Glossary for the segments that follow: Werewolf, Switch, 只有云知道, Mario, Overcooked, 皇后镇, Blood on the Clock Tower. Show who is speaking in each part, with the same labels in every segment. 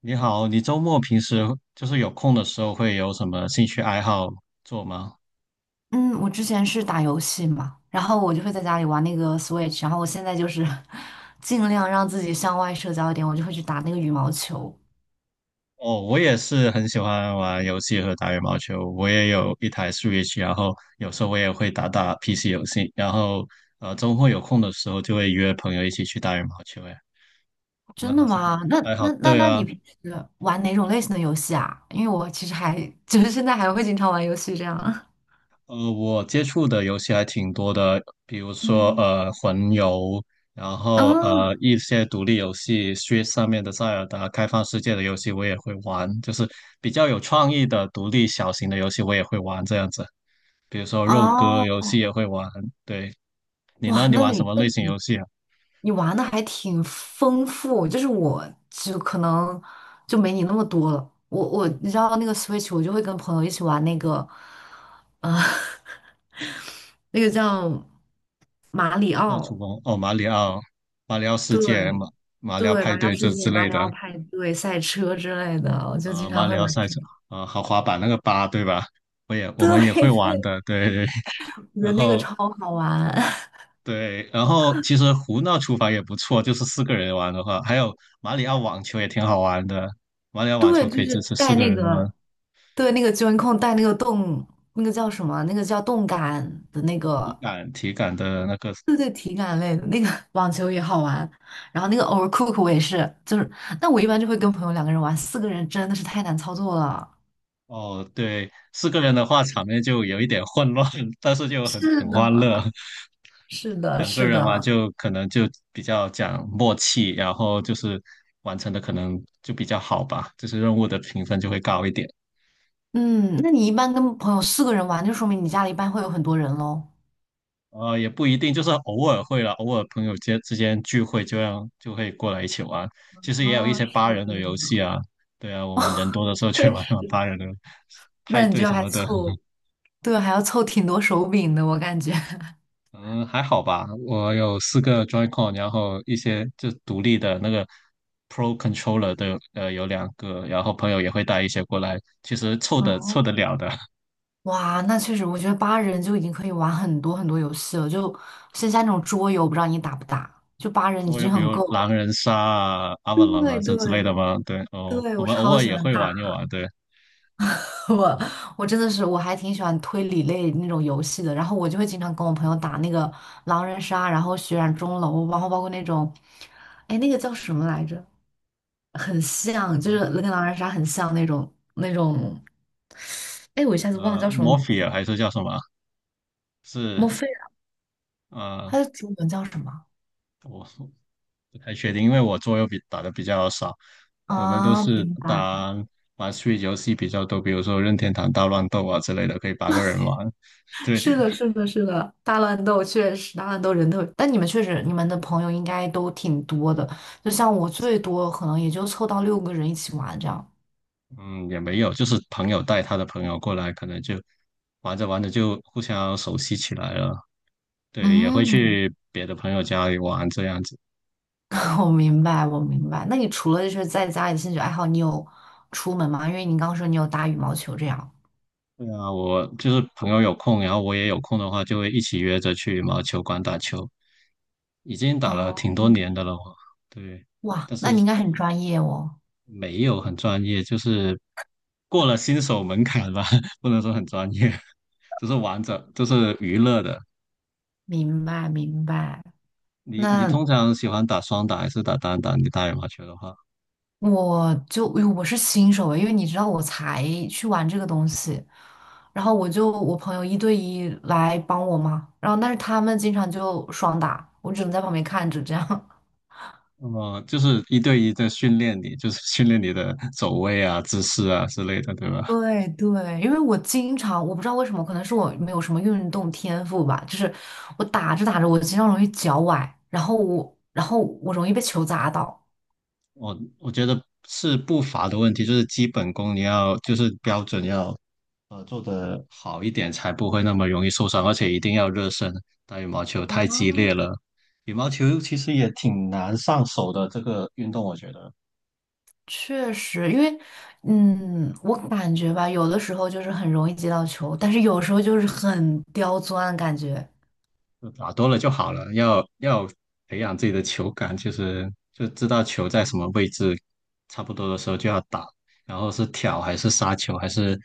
Speaker 1: 你好，你周末平时就是有空的时候会有什么兴趣爱好做吗？
Speaker 2: 嗯，我之前是打游戏嘛，然后我就会在家里玩那个 Switch，然后我现在就是 尽量让自己向外社交一点，我就会去打那个羽毛球。
Speaker 1: 哦，我也是很喜欢玩游戏和打羽毛球，我也有一台 Switch，然后有时候我也会打打 PC 游戏，然后周末有空的时候就会约朋友一起去打羽毛球。哎，我们
Speaker 2: 真的
Speaker 1: 好像
Speaker 2: 吗？那
Speaker 1: 爱好
Speaker 2: 那那
Speaker 1: 对
Speaker 2: 那
Speaker 1: 啊，
Speaker 2: 你平时玩哪种类型的游戏啊？因为我其实还 就是现在还会经常玩游戏这样。
Speaker 1: 我接触的游戏还挺多的，比如说
Speaker 2: 嗯，
Speaker 1: 魂游，然
Speaker 2: 啊
Speaker 1: 后一些独立游戏，Switch 上面的塞尔达开放世界的游戏我也会玩，就是比较有创意的独立小型的游戏我也会玩这样子，比如说肉鸽游
Speaker 2: 哦，
Speaker 1: 戏也会玩。对，你
Speaker 2: 哇，
Speaker 1: 呢？你
Speaker 2: 那
Speaker 1: 玩什
Speaker 2: 你
Speaker 1: 么
Speaker 2: 那
Speaker 1: 类型
Speaker 2: 你
Speaker 1: 游戏啊？
Speaker 2: 你玩的还挺丰富，就是我就可能就没你那么多了。我你知道那个 Switch，我就会跟朋友一起玩那个，呃，那个叫马里
Speaker 1: 奥厨
Speaker 2: 奥，
Speaker 1: 工哦，马里奥、马里奥世界、
Speaker 2: 对
Speaker 1: 马里奥
Speaker 2: 对，马
Speaker 1: 派
Speaker 2: 里奥
Speaker 1: 对这
Speaker 2: 世界、
Speaker 1: 之
Speaker 2: 马
Speaker 1: 类
Speaker 2: 里
Speaker 1: 的，
Speaker 2: 奥派对、赛车之类的，我就经
Speaker 1: 马
Speaker 2: 常会
Speaker 1: 里奥
Speaker 2: 玩
Speaker 1: 赛
Speaker 2: 这
Speaker 1: 车，
Speaker 2: 个。
Speaker 1: 豪华版那个八对吧？我也我
Speaker 2: 对，
Speaker 1: 们也会 玩的，对。
Speaker 2: 我觉
Speaker 1: 然
Speaker 2: 得那个
Speaker 1: 后
Speaker 2: 超好玩。
Speaker 1: 对，然后其实胡闹厨房也不错，就是四个人玩的话，还有马里奥网球也挺好玩的。马里奥网
Speaker 2: 对，
Speaker 1: 球可
Speaker 2: 就
Speaker 1: 以支
Speaker 2: 是
Speaker 1: 持四
Speaker 2: 带
Speaker 1: 个
Speaker 2: 那
Speaker 1: 人玩，
Speaker 2: 个，对那个 j o 带那个动，那个叫什么？那个叫动感的那
Speaker 1: 体
Speaker 2: 个
Speaker 1: 感体感的那个
Speaker 2: 对对，体感类的那个 网球也好玩，然后那个 Overcook 我也是，就是，那我一般就会跟朋友两个人玩，四个人真的是太难操作了。
Speaker 1: 哦，对，四个人的话场面就有一点混乱，但是就很
Speaker 2: 是
Speaker 1: 很欢乐。
Speaker 2: 的，是的，
Speaker 1: 两个
Speaker 2: 是
Speaker 1: 人玩
Speaker 2: 的。
Speaker 1: 就可能就比较讲默契，然后就是完成的可能就比较好吧，就是任务的评分就会高一点。
Speaker 2: 嗯，那你一般跟朋友四个人玩，就说明你家里一般会有很多人喽。
Speaker 1: 也不一定，就是偶尔会了，偶尔朋友间之间聚会，这样就会过来一起玩。其实也有一
Speaker 2: 嗯，
Speaker 1: 些八
Speaker 2: 是
Speaker 1: 人
Speaker 2: 这
Speaker 1: 的
Speaker 2: 样，
Speaker 1: 游戏啊，对啊，我们人多的时候去
Speaker 2: 确
Speaker 1: 玩玩
Speaker 2: 实，
Speaker 1: 八人的派
Speaker 2: 那你
Speaker 1: 对
Speaker 2: 就
Speaker 1: 什
Speaker 2: 还
Speaker 1: 么的，
Speaker 2: 凑，对，还要凑挺多手柄的，我感觉。
Speaker 1: 嗯，还好吧。我有四个 Joy-Con，然后一些就独立的那个 Pro Controller 的，有两个，然后朋友也会带一些过来，其实凑得
Speaker 2: 哦
Speaker 1: 了的。
Speaker 2: 哇，那确实，我觉得八人就已经可以玩很多很多游戏了，就剩下那种桌游，不知道你打不打？就八人已
Speaker 1: 所以
Speaker 2: 经
Speaker 1: 比
Speaker 2: 很
Speaker 1: 如
Speaker 2: 够
Speaker 1: 狼
Speaker 2: 了。
Speaker 1: 人杀啊、a v a l 啊
Speaker 2: 对
Speaker 1: 这
Speaker 2: 对
Speaker 1: 之类的嘛，对哦，
Speaker 2: 对，
Speaker 1: 我
Speaker 2: 我
Speaker 1: 们偶
Speaker 2: 超
Speaker 1: 尔
Speaker 2: 喜
Speaker 1: 也
Speaker 2: 欢
Speaker 1: 会
Speaker 2: 打，
Speaker 1: 玩一 玩，对。
Speaker 2: 我我真的是我还挺喜欢推理类那种游戏的，然后我就会经常跟我朋友打那个狼人杀，然后血染钟楼，然后包括那种，哎，那个叫什么来着？很像，就是跟狼人杀很像那种，哎，我一下子忘了叫什么名字
Speaker 1: Morphe 还
Speaker 2: 了，
Speaker 1: 是叫什么？
Speaker 2: 莫
Speaker 1: 是
Speaker 2: 非
Speaker 1: 呃，
Speaker 2: 它的中文叫什么？
Speaker 1: 我不太确定，因为我桌游比打的比较少，我们都
Speaker 2: 啊，
Speaker 1: 是
Speaker 2: 明白。
Speaker 1: 玩 s w 游戏比较多，比如说任天堂大乱斗啊之类的，可以8个人玩。对，
Speaker 2: 是的，是的，是的，大乱斗确实，大乱斗人特别，但你们确实，你们的朋友应该都挺多的。就像我最多可能也就凑到六个人一起玩这样。
Speaker 1: 嗯，也没有，就是朋友带他的朋友过来，可能就玩着玩着就互相熟悉起来了。对，也会
Speaker 2: 嗯，
Speaker 1: 去别的朋友家里玩这样子。
Speaker 2: 我明白，我明白。那你除了就是在家里兴趣爱好，你有出门吗？因为你刚刚说你有打羽毛球这样。
Speaker 1: 对啊，我就是朋友有空，然后我也有空的话，就会一起约着去毛球馆打球。已经打了
Speaker 2: 哦，
Speaker 1: 挺多年的了我，对，
Speaker 2: 哇，
Speaker 1: 但
Speaker 2: 那
Speaker 1: 是
Speaker 2: 你应该很专业哦。
Speaker 1: 没有很专业，就是过了新手门槛吧，不能说很专业，就是玩着，就是娱乐的。
Speaker 2: 明白，明白。
Speaker 1: 你
Speaker 2: 那
Speaker 1: 通常喜欢打双打还是打单打？你打羽毛球的话，
Speaker 2: 我就我是新手诶，因为你知道我才去玩这个东西，然后我朋友一对一来帮我嘛，然后但是他们经常就双打，我只能在旁边看着这样。
Speaker 1: 就是一对一在训练你，就是训练你的走位啊、姿势啊之类的，对吧？
Speaker 2: 对对，因为我经常我不知道为什么，可能是我没有什么运动天赋吧，就是我打着打着我经常容易脚崴，然后我容易被球砸到。
Speaker 1: 我觉得是步伐的问题，就是基本功你要就是标准要做得好一点，才不会那么容易受伤，而且一定要热身。打羽毛球太激烈了，羽毛球其实也挺难上手的这个运动，我觉得
Speaker 2: 确实，因为，嗯，我感觉吧，有的时候就是很容易接到球，但是有时候就是很刁钻，感觉，
Speaker 1: 就打多了就好了，要培养自己的球感，就是就知道球在什么位置，差不多的时候就要打，然后是挑还是杀球还是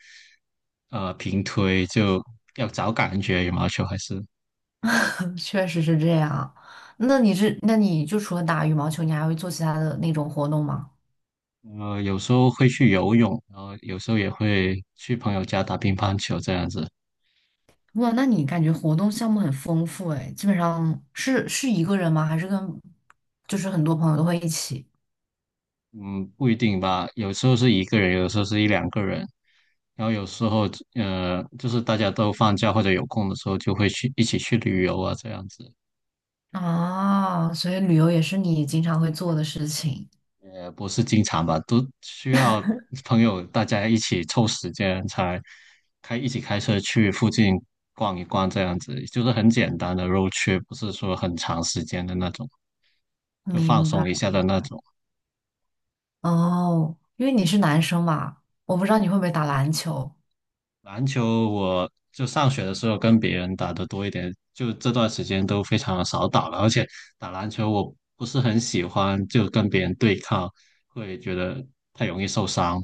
Speaker 1: 平推，就要找感觉羽毛球还是。
Speaker 2: 确实是这样。那你是，那你就除了打羽毛球，你还会做其他的那种活动吗？
Speaker 1: 有时候会去游泳，然后有时候也会去朋友家打乒乓球这样子。
Speaker 2: 哇，那你感觉活动项目很丰富哎！基本上是一个人吗？还是跟，就是很多朋友都会一起？
Speaker 1: 嗯，不一定吧，有时候是一个人，有时候是一两个人，然后有时候就是大家都放假或者有空的时候，就会去一起去旅游啊这样子。
Speaker 2: 啊，所以旅游也是你经常会做的事情，
Speaker 1: 也不是经常吧，都需要朋友大家一起凑时间才一起开车去附近逛一逛这样子，就是很简单的 road trip，不是说很长时间的那种，就放
Speaker 2: 明白。
Speaker 1: 松一下的那种。
Speaker 2: 哦，因为你是男生嘛，我不知道你会不会打篮球。
Speaker 1: 篮球我就上学的时候跟别人打的多一点，就这段时间都非常的少打了，而且打篮球我不是很喜欢，就跟别人对抗，会觉得太容易受伤。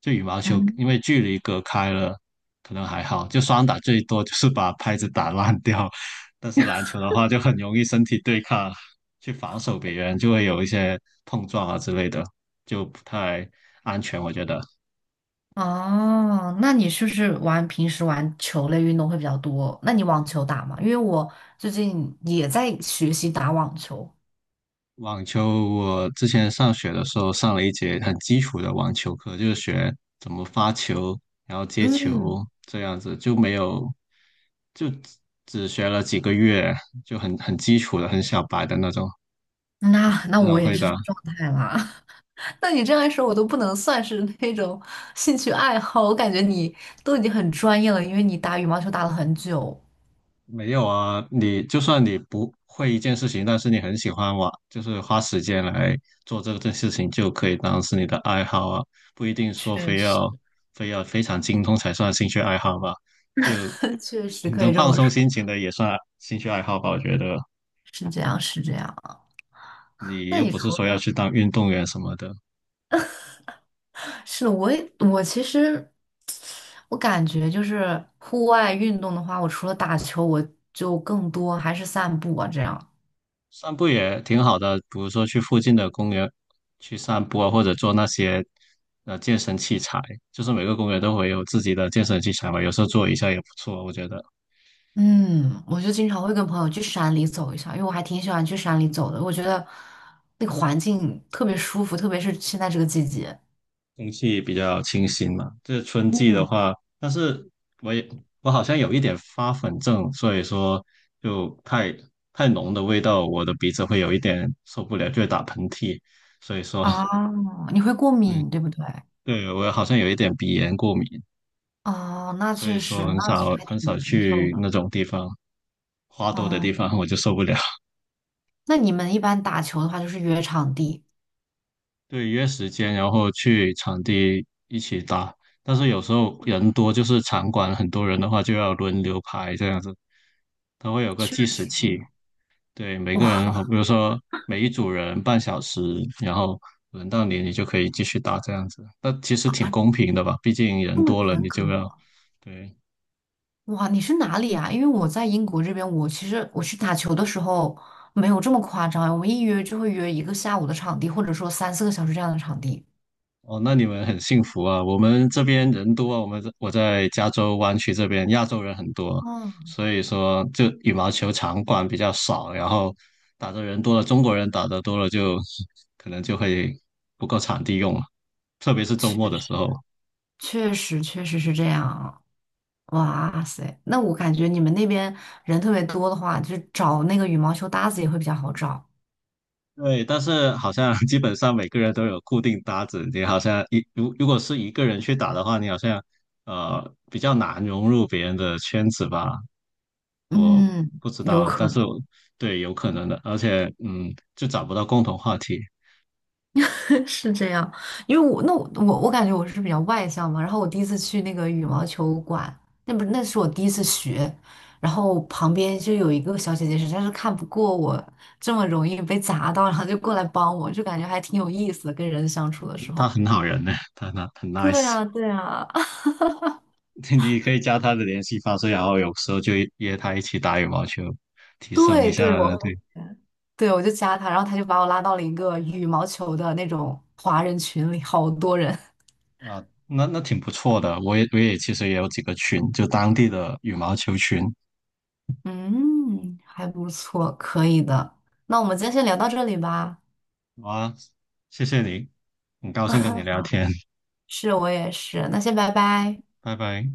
Speaker 1: 就羽毛球，
Speaker 2: 嗯，
Speaker 1: 因为距离隔开了，可能还好，就双打最多就是把拍子打烂掉，但是篮球的话就很容易身体对抗，去防守别人就会有一些碰撞啊之类的，就不太安全，我觉得。
Speaker 2: 哦，那你是不是玩平时玩球类运动会比较多？那你网球打吗？因为我最近也在学习打网球。
Speaker 1: 网球，我之前上学的时候上了一节很基础的网球课，就是学怎么发球，然后接
Speaker 2: 嗯，
Speaker 1: 球这样子，就没有，就只学了几个月，就很基础的、很小白的那种，不
Speaker 2: 那
Speaker 1: 是
Speaker 2: 我
Speaker 1: 很
Speaker 2: 也
Speaker 1: 会
Speaker 2: 是这
Speaker 1: 的。
Speaker 2: 个状态啦。那你这样一说，我都不能算是那种兴趣爱好，我感觉你都已经很专业了，因为你打羽毛球打了很久。
Speaker 1: 没有啊，你就算你不会一件事情，但是你很喜欢玩，就是花时间来做这件事情，就可以当是你的爱好啊，不一定说
Speaker 2: 确
Speaker 1: 非
Speaker 2: 实。
Speaker 1: 要非要非常精通才算兴趣爱好吧。就
Speaker 2: 确实可
Speaker 1: 能
Speaker 2: 以这
Speaker 1: 放
Speaker 2: 么
Speaker 1: 松
Speaker 2: 说，
Speaker 1: 心情的也算兴趣爱好吧，我觉得
Speaker 2: 是这样，是这样。
Speaker 1: 你
Speaker 2: 那
Speaker 1: 又
Speaker 2: 你
Speaker 1: 不是
Speaker 2: 除
Speaker 1: 说要
Speaker 2: 了
Speaker 1: 去当运动员什么的，
Speaker 2: 是的我也我其实我感觉就是户外运动的话，我除了打球，我就更多还是散步啊这样。
Speaker 1: 散步也挺好的，比如说去附近的公园去散步啊，或者做那些健身器材，就是每个公园都会有自己的健身器材嘛，有时候做一下也不错，我觉得。
Speaker 2: 嗯，我就经常会跟朋友去山里走一下，因为我还挺喜欢去山里走的，我觉得那个环境特别舒服，特别是现在这个季节。
Speaker 1: 空气比较清新嘛。这春季的
Speaker 2: 嗯，
Speaker 1: 话，但是我也我好像有一点发粉症，所以说就太浓的味道，我的鼻子会有一点受不了，就会打喷嚏。所以说，
Speaker 2: 啊，你会过 敏，
Speaker 1: 嗯，
Speaker 2: 对不对？
Speaker 1: 对，我好像有一点鼻炎过敏，
Speaker 2: 哦，那
Speaker 1: 所
Speaker 2: 确
Speaker 1: 以说
Speaker 2: 实，
Speaker 1: 很
Speaker 2: 那其
Speaker 1: 少
Speaker 2: 实还
Speaker 1: 很
Speaker 2: 挺
Speaker 1: 少
Speaker 2: 难受
Speaker 1: 去
Speaker 2: 的。
Speaker 1: 那种地方，花多的
Speaker 2: 哦，
Speaker 1: 地方我就受不了。
Speaker 2: 那你们一般打球的话，就是约场地，
Speaker 1: 对，约时间，然后去场地一起打。但是有时候人多，就是场馆很多人的话，就要轮流排这样子。它会有个
Speaker 2: 确
Speaker 1: 计时
Speaker 2: 实。
Speaker 1: 器，对，每个人，好
Speaker 2: 哇，
Speaker 1: 比如说每一组人半小时，然后轮到你，你就可以继续打这样子。那其实挺公平的吧？毕竟人
Speaker 2: 这么
Speaker 1: 多了，
Speaker 2: 严
Speaker 1: 你
Speaker 2: 格。
Speaker 1: 就要，
Speaker 2: 吗？
Speaker 1: 对，
Speaker 2: 哇，你是哪里啊？因为我在英国这边，我其实我去打球的时候没有这么夸张，我们一约就会约一个下午的场地，或者说三四个小时这样的场地。
Speaker 1: 哦，那你们很幸福啊！我们这边人多啊，我们这我在加州湾区这边，亚洲人很多，
Speaker 2: 哦，
Speaker 1: 所以说就羽毛球场馆比较少，然后打的人多了，中国人打的多了就，可能就会不够场地用了，特别是周
Speaker 2: 确
Speaker 1: 末的
Speaker 2: 实，
Speaker 1: 时候。
Speaker 2: 确实，确实是这样。哇塞，那我感觉你们那边人特别多的话，就是找那个羽毛球搭子也会比较好找。
Speaker 1: 对，但是好像 基本上每个人都有固定搭子，你好像如果是一个人去打的话，你好像比较难融入别人的圈子吧，我
Speaker 2: 嗯，
Speaker 1: 不知道，
Speaker 2: 有
Speaker 1: 啊，
Speaker 2: 可
Speaker 1: 但
Speaker 2: 能。
Speaker 1: 是我对有可能的，而且就找不到共同话题。
Speaker 2: 是这样，因为我那我感觉我是比较外向嘛，然后我第一次去那个羽毛球馆，那不是那是我第一次学，然后旁边就有一个小姐姐实在是看不过我这么容易被砸到，然后就过来帮我，就感觉还挺有意思的，跟人相处的时
Speaker 1: 他
Speaker 2: 候。
Speaker 1: 很好人呢，他很 nice，
Speaker 2: 对啊，对啊，
Speaker 1: 你可以加他的联系方式，然后有时候就约他一起打羽毛球，提升一
Speaker 2: 对对，
Speaker 1: 下
Speaker 2: 我
Speaker 1: 对
Speaker 2: 对我就加她，然后她就把我拉到了一个羽毛球的那种华人群里，好多人，
Speaker 1: 啊，那挺不错的。我也其实也有几个群，就当地的羽毛球群。
Speaker 2: 嗯，还不错，可以的。那我们今天先聊到这里吧。
Speaker 1: 好啊，谢谢你，很高兴跟你 聊天，
Speaker 2: 是我也是，那先拜拜。
Speaker 1: 拜拜。